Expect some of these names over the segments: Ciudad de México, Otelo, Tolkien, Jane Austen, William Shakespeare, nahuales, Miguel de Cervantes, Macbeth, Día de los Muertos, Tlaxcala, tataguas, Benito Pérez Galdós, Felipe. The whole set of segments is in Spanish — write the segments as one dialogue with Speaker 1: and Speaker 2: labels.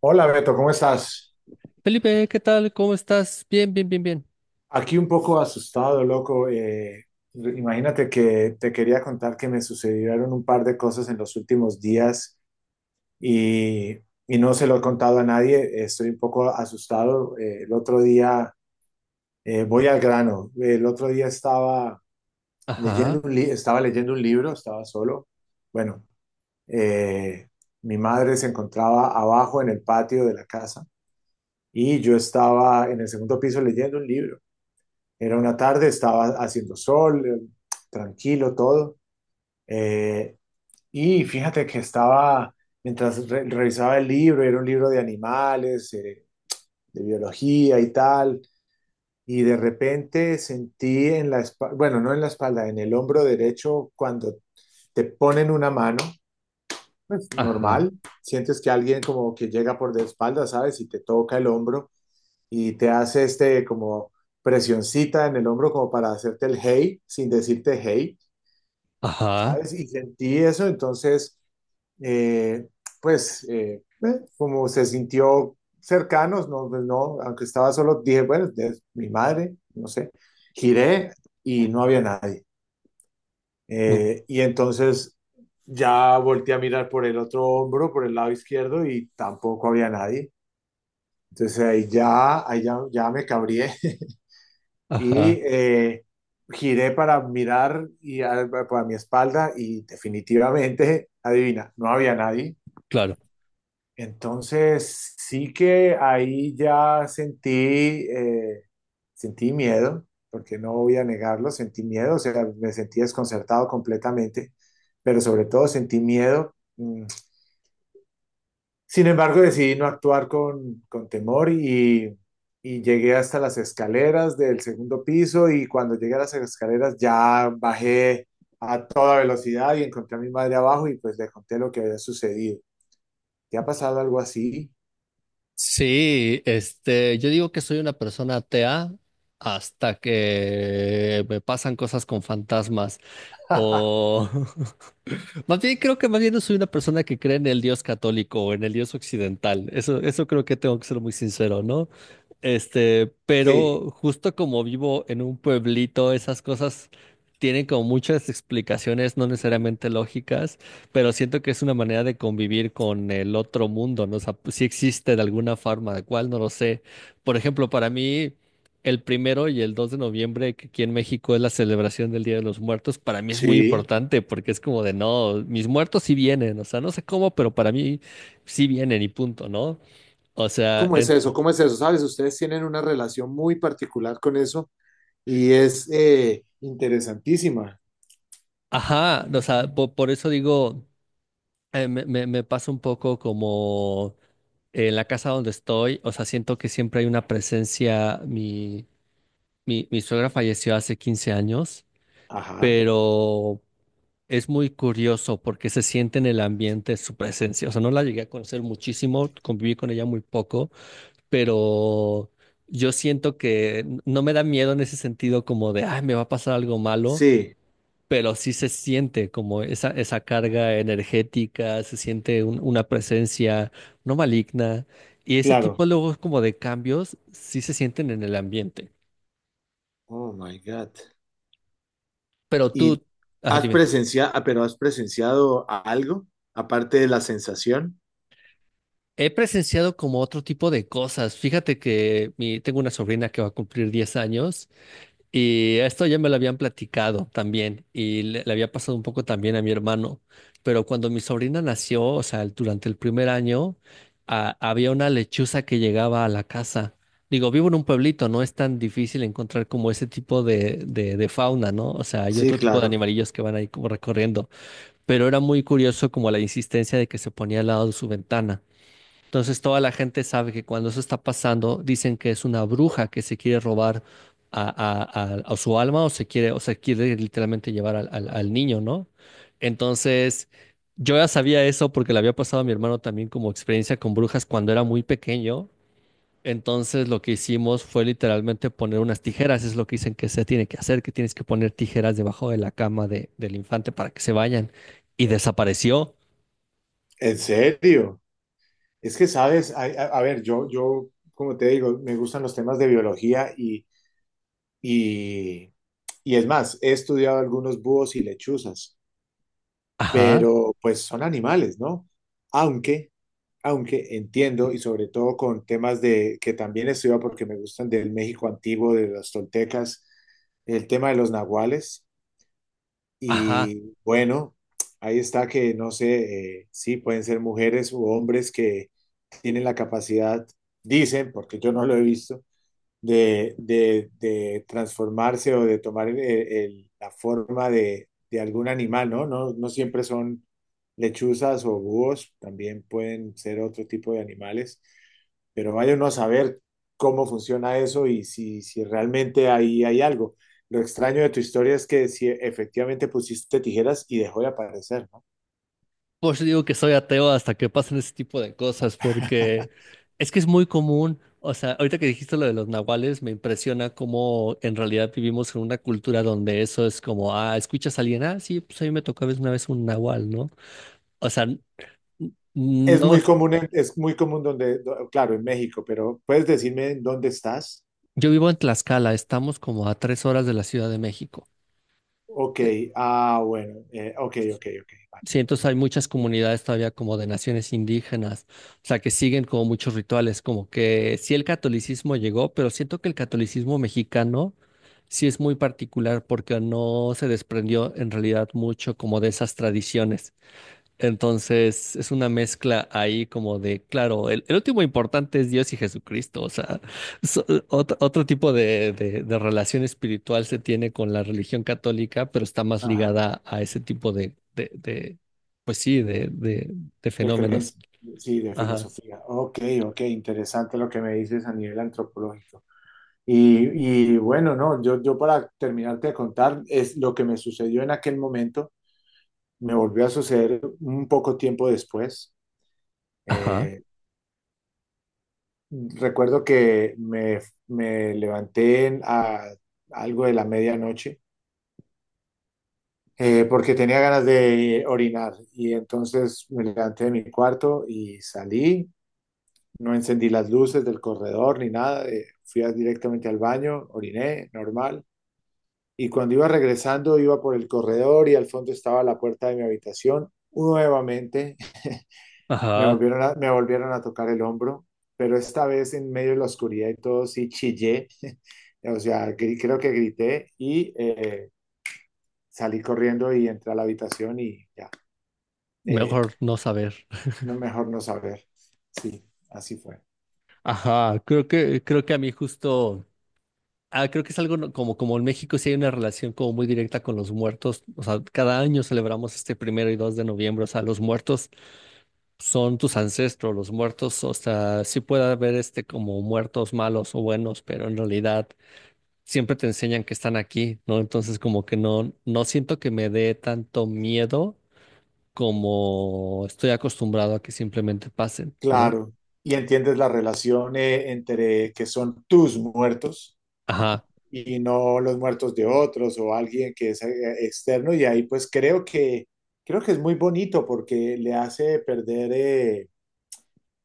Speaker 1: Hola Beto, ¿cómo estás?
Speaker 2: Felipe, ¿qué tal? ¿Cómo estás? Bien, bien, bien, bien.
Speaker 1: Aquí un poco asustado, loco. Imagínate que te quería contar que me sucedieron un par de cosas en los últimos días y, y no se lo he contado a nadie. Estoy un poco asustado. El otro día, voy al grano. El otro día estaba
Speaker 2: Ajá,
Speaker 1: estaba leyendo un libro, estaba solo. Bueno, eh, mi madre se encontraba abajo en el patio de la casa y yo estaba en el segundo piso leyendo un libro. Era una tarde, estaba haciendo sol, tranquilo todo. Eh, y fíjate que mientras revisaba el libro, era un libro de animales, de biología y tal, y de repente sentí en la espalda, bueno, no en la espalda, en el hombro derecho, cuando te ponen una mano, pues
Speaker 2: ajá,
Speaker 1: normal, sientes que alguien como que llega por de espalda, ¿sabes? Y te toca el hombro. Y te hace este como presioncita en el hombro como para hacerte el hey sin decirte hey,
Speaker 2: ajá,
Speaker 1: ¿sabes? Y sentí eso, entonces, eh, pues, eh, eh, como se sintió cercanos, no, pues, no, aunque estaba solo, dije, bueno, es mi madre, no sé, giré y no había nadie.
Speaker 2: uh,
Speaker 1: Y entonces ya volteé a mirar por el otro hombro, por el lado izquierdo, y tampoco había nadie. Entonces ahí ya, ya me cabrié. y
Speaker 2: ajá,
Speaker 1: eh, Giré para mirar para mi espalda y definitivamente, adivina, no había nadie.
Speaker 2: claro.
Speaker 1: Entonces sí que ahí ya eh, sentí miedo, porque no voy a negarlo, sentí miedo, o sea, me sentí desconcertado completamente, pero sobre todo sentí miedo. Sin embargo, decidí no actuar con temor y llegué hasta las escaleras del segundo piso y cuando llegué a las escaleras ya bajé a toda velocidad y encontré a mi madre abajo y pues le conté lo que había sucedido. ¿Te ha pasado algo así?
Speaker 2: Sí, yo digo que soy una persona atea hasta que me pasan cosas con fantasmas o más bien creo que más bien no soy una persona que cree en el Dios católico o en el Dios occidental. Eso creo que tengo que ser muy sincero, ¿no?
Speaker 1: Sí.
Speaker 2: Pero justo como vivo en un pueblito, esas cosas tienen como muchas explicaciones no necesariamente lógicas, pero siento que es una manera de convivir con el otro mundo, ¿no? O sea, pues, sí existe de alguna forma, de cuál no lo sé. Por ejemplo, para mí, el primero y el 2 de noviembre, que aquí en México es la celebración del Día de los Muertos, para mí es muy
Speaker 1: Sí.
Speaker 2: importante porque es como de, no, mis muertos sí vienen, o sea, no sé cómo, pero para mí sí vienen y punto, ¿no? O sea,
Speaker 1: ¿Cómo es eso? ¿Cómo es eso? Sabes, ustedes tienen una relación muy particular con eso y es interesantísima.
Speaker 2: ajá, o sea, por, eso digo, me pasa un poco como en la casa donde estoy, o sea, siento que siempre hay una presencia. Mi suegra falleció hace 15 años,
Speaker 1: Ajá.
Speaker 2: pero es muy curioso porque se siente en el ambiente su presencia. O sea, no la llegué a conocer muchísimo, conviví con ella muy poco, pero yo siento que no me da miedo en ese sentido como de, ay, me va a pasar algo malo,
Speaker 1: Sí,
Speaker 2: pero sí se siente como esa carga energética, se siente una presencia no maligna, y ese
Speaker 1: claro.
Speaker 2: tipo luego como de cambios sí se sienten en el ambiente.
Speaker 1: Oh my God.
Speaker 2: Pero
Speaker 1: ¿Y
Speaker 2: tú, ajá,
Speaker 1: has presenciado, pero has presenciado algo aparte de la sensación?
Speaker 2: he presenciado como otro tipo de cosas. Fíjate que mi, tengo una sobrina que va a cumplir 10 años y esto ya me lo habían platicado también y le había pasado un poco también a mi hermano. Pero cuando mi sobrina nació, o sea, durante el primer año, había una lechuza que llegaba a la casa. Digo, vivo en un pueblito, no es tan difícil encontrar como ese tipo de, de fauna, ¿no? O sea, hay
Speaker 1: Sí,
Speaker 2: otro tipo de
Speaker 1: claro.
Speaker 2: animalillos que van ahí como recorriendo. Pero era muy curioso como la insistencia de que se ponía al lado de su ventana. Entonces toda la gente sabe que cuando eso está pasando, dicen que es una bruja que se quiere robar a, a su alma, o se quiere literalmente llevar al, al niño, ¿no? Entonces yo ya sabía eso porque le había pasado a mi hermano también como experiencia con brujas cuando era muy pequeño. Entonces lo que hicimos fue literalmente poner unas tijeras, es lo que dicen que se tiene que hacer, que tienes que poner tijeras debajo de la cama del infante para que se vayan. Y desapareció.
Speaker 1: ¿En serio? Es que, sabes, ay, a ver, yo, como te digo, me gustan los temas de biología y, y es más, he estudiado algunos búhos y lechuzas,
Speaker 2: Ajá,
Speaker 1: pero pues son animales, ¿no? Aunque... aunque entiendo, y sobre todo con temas de que también estudio porque me gustan del México antiguo, de los toltecas, el tema de los nahuales.
Speaker 2: ajá.
Speaker 1: Y bueno, ahí está que no sé, sí, pueden ser mujeres u hombres que tienen la capacidad, dicen, porque yo no lo he visto, de transformarse o de tomar la forma de algún animal, ¿no? No, no siempre son lechuzas o búhos, también pueden ser otro tipo de animales, pero vaya uno a saber cómo funciona eso y si, si realmente ahí hay algo. Lo extraño de tu historia es que si efectivamente pusiste tijeras y dejó de aparecer, ¿no?
Speaker 2: Pues yo digo que soy ateo hasta que pasen ese tipo de cosas, porque es que es muy común. O sea, ahorita que dijiste lo de los nahuales, me impresiona cómo en realidad vivimos en una cultura donde eso es como, ah, ¿escuchas a alguien? Ah, sí, pues a mí me tocó a veces una vez un nahual, ¿no? O sea,
Speaker 1: Es
Speaker 2: no,
Speaker 1: muy común, es muy común donde, claro, en México, pero ¿puedes decirme en dónde estás?
Speaker 2: yo vivo en Tlaxcala, estamos como a 3 horas de la Ciudad de México.
Speaker 1: Ok,
Speaker 2: Eh,
Speaker 1: ah, bueno, ok, ok, ok.
Speaker 2: Sí, entonces hay muchas comunidades todavía como de naciones indígenas, o sea, que siguen como muchos rituales, como que sí el catolicismo llegó, pero siento que el catolicismo mexicano, sí, es muy particular porque no se desprendió en realidad mucho como de esas tradiciones. Entonces, es una mezcla ahí como de, claro, el último importante es Dios y Jesucristo, o sea, otro, otro tipo de, de relación espiritual se tiene con la religión católica, pero está más
Speaker 1: Ajá,
Speaker 2: ligada a ese tipo de, pues sí, de
Speaker 1: de
Speaker 2: fenómenos.
Speaker 1: creencia, sí, de
Speaker 2: Ajá,
Speaker 1: filosofía. Ok, ok, interesante lo que me dices a nivel antropológico. Y bueno, no, yo para terminarte de contar, es lo que me sucedió en aquel momento, me volvió a suceder un poco tiempo después.
Speaker 2: ajá,
Speaker 1: Eh, Recuerdo que me levanté a algo de la medianoche porque tenía ganas de orinar. Y entonces me levanté de mi cuarto y salí. No encendí las luces del corredor ni nada. Fui directamente al baño, oriné, normal. Y cuando iba regresando, iba por el corredor y al fondo estaba la puerta de mi habitación. Nuevamente me
Speaker 2: ajá,
Speaker 1: volvieron me volvieron a tocar el hombro, pero esta vez en medio de la oscuridad y todo sí chillé. O sea, creo que grité y salí corriendo y entré a la habitación y ya. Eh,
Speaker 2: mejor no saber.
Speaker 1: no, mejor no saber. Sí, así fue.
Speaker 2: Ajá, creo que a mí justo... Ah, creo que es algo como, como en México sí hay una relación como muy directa con los muertos. O sea, cada año celebramos este primero y dos de noviembre. O sea, los muertos son tus ancestros, los muertos. O sea, sí puede haber este como muertos malos o buenos, pero en realidad siempre te enseñan que están aquí, ¿no? Entonces como que no, no siento que me dé tanto miedo, como estoy acostumbrado a que simplemente pasen, ¿no?
Speaker 1: Claro. Y entiendes la relación entre que son tus muertos
Speaker 2: Ajá.
Speaker 1: y no los muertos de otros o alguien que es externo. Y ahí pues creo que es muy bonito porque le hace perder,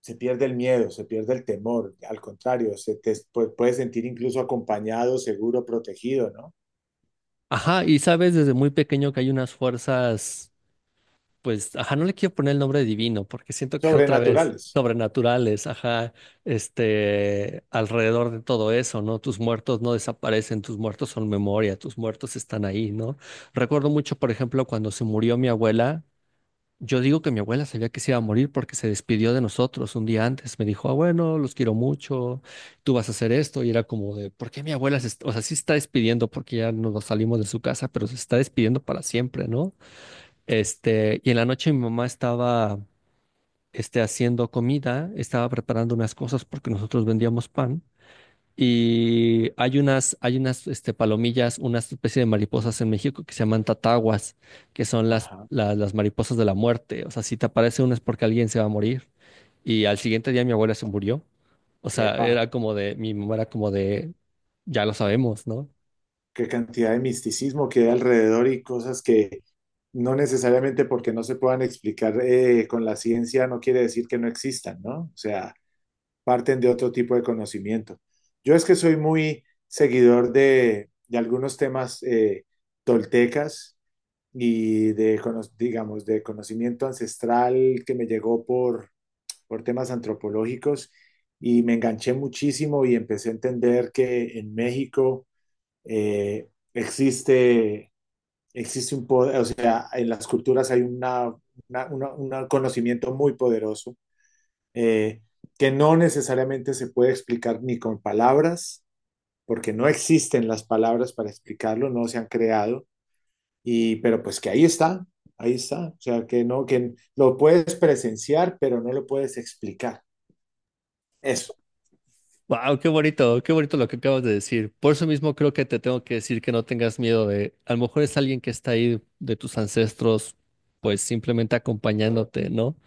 Speaker 1: se pierde el miedo, se pierde el temor. Al contrario, se te puedes sentir incluso acompañado, seguro, protegido, ¿no?
Speaker 2: Ajá, y sabes desde muy pequeño que hay unas fuerzas. Pues, ajá, no le quiero poner el nombre divino porque siento que otra vez,
Speaker 1: Sobrenaturales.
Speaker 2: sobrenaturales, ajá, alrededor de todo eso, ¿no? Tus muertos no desaparecen, tus muertos son memoria, tus muertos están ahí, ¿no? Recuerdo mucho, por ejemplo, cuando se murió mi abuela, yo digo que mi abuela sabía que se iba a morir porque se despidió de nosotros un día antes, me dijo, ah, bueno, los quiero mucho, tú vas a hacer esto, y era como de, ¿por qué mi abuela se, o sea, sí está despidiendo porque ya nos salimos de su casa, pero se está despidiendo para siempre, ¿no? Y en la noche mi mamá estaba, haciendo comida, estaba preparando unas cosas porque nosotros vendíamos pan. Y hay unas, hay unas, palomillas, una especie de mariposas en México que se llaman tataguas, que son las,
Speaker 1: Ajá.
Speaker 2: las mariposas de la muerte. O sea, si te aparece una es porque alguien se va a morir. Y al siguiente día mi abuela se murió. O sea,
Speaker 1: Epa.
Speaker 2: era como de, mi mamá era como de, ya lo sabemos, ¿no?
Speaker 1: Qué cantidad de misticismo que hay alrededor y cosas que no necesariamente porque no se puedan explicar con la ciencia no quiere decir que no existan, ¿no? O sea, parten de otro tipo de conocimiento. Yo es que soy muy seguidor de algunos temas toltecas y de, digamos, de conocimiento ancestral que me llegó por temas antropológicos y me enganché muchísimo y empecé a entender que en México eh, existe, existe un poder, o sea, en las culturas hay una- una- un conocimiento muy poderoso eh, que no necesariamente se puede explicar ni con palabras, porque no existen las palabras para explicarlo, no se han creado, y, pero pues que ahí está, o sea, que no, que lo puedes presenciar, pero no lo puedes explicar. Eso,
Speaker 2: Wow, qué bonito lo que acabas de decir. Por eso mismo creo que te tengo que decir que no tengas miedo de, a lo mejor es alguien que está ahí de tus ancestros, pues simplemente acompañándote, ¿no?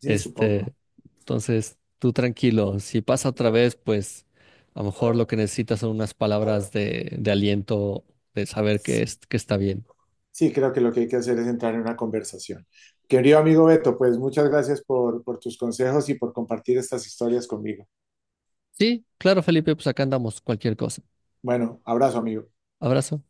Speaker 1: sí, supongo.
Speaker 2: Este, entonces, tú tranquilo, si pasa otra vez, pues a lo mejor lo que necesitas son unas palabras de aliento, de saber que,
Speaker 1: Sí.
Speaker 2: es, que está bien.
Speaker 1: Sí, creo que lo que hay que hacer es entrar en una conversación. Querido amigo Beto, pues muchas gracias por tus consejos y por compartir estas historias conmigo.
Speaker 2: Sí, claro, Felipe, pues acá andamos, cualquier cosa.
Speaker 1: Bueno, abrazo, amigo.
Speaker 2: Abrazo.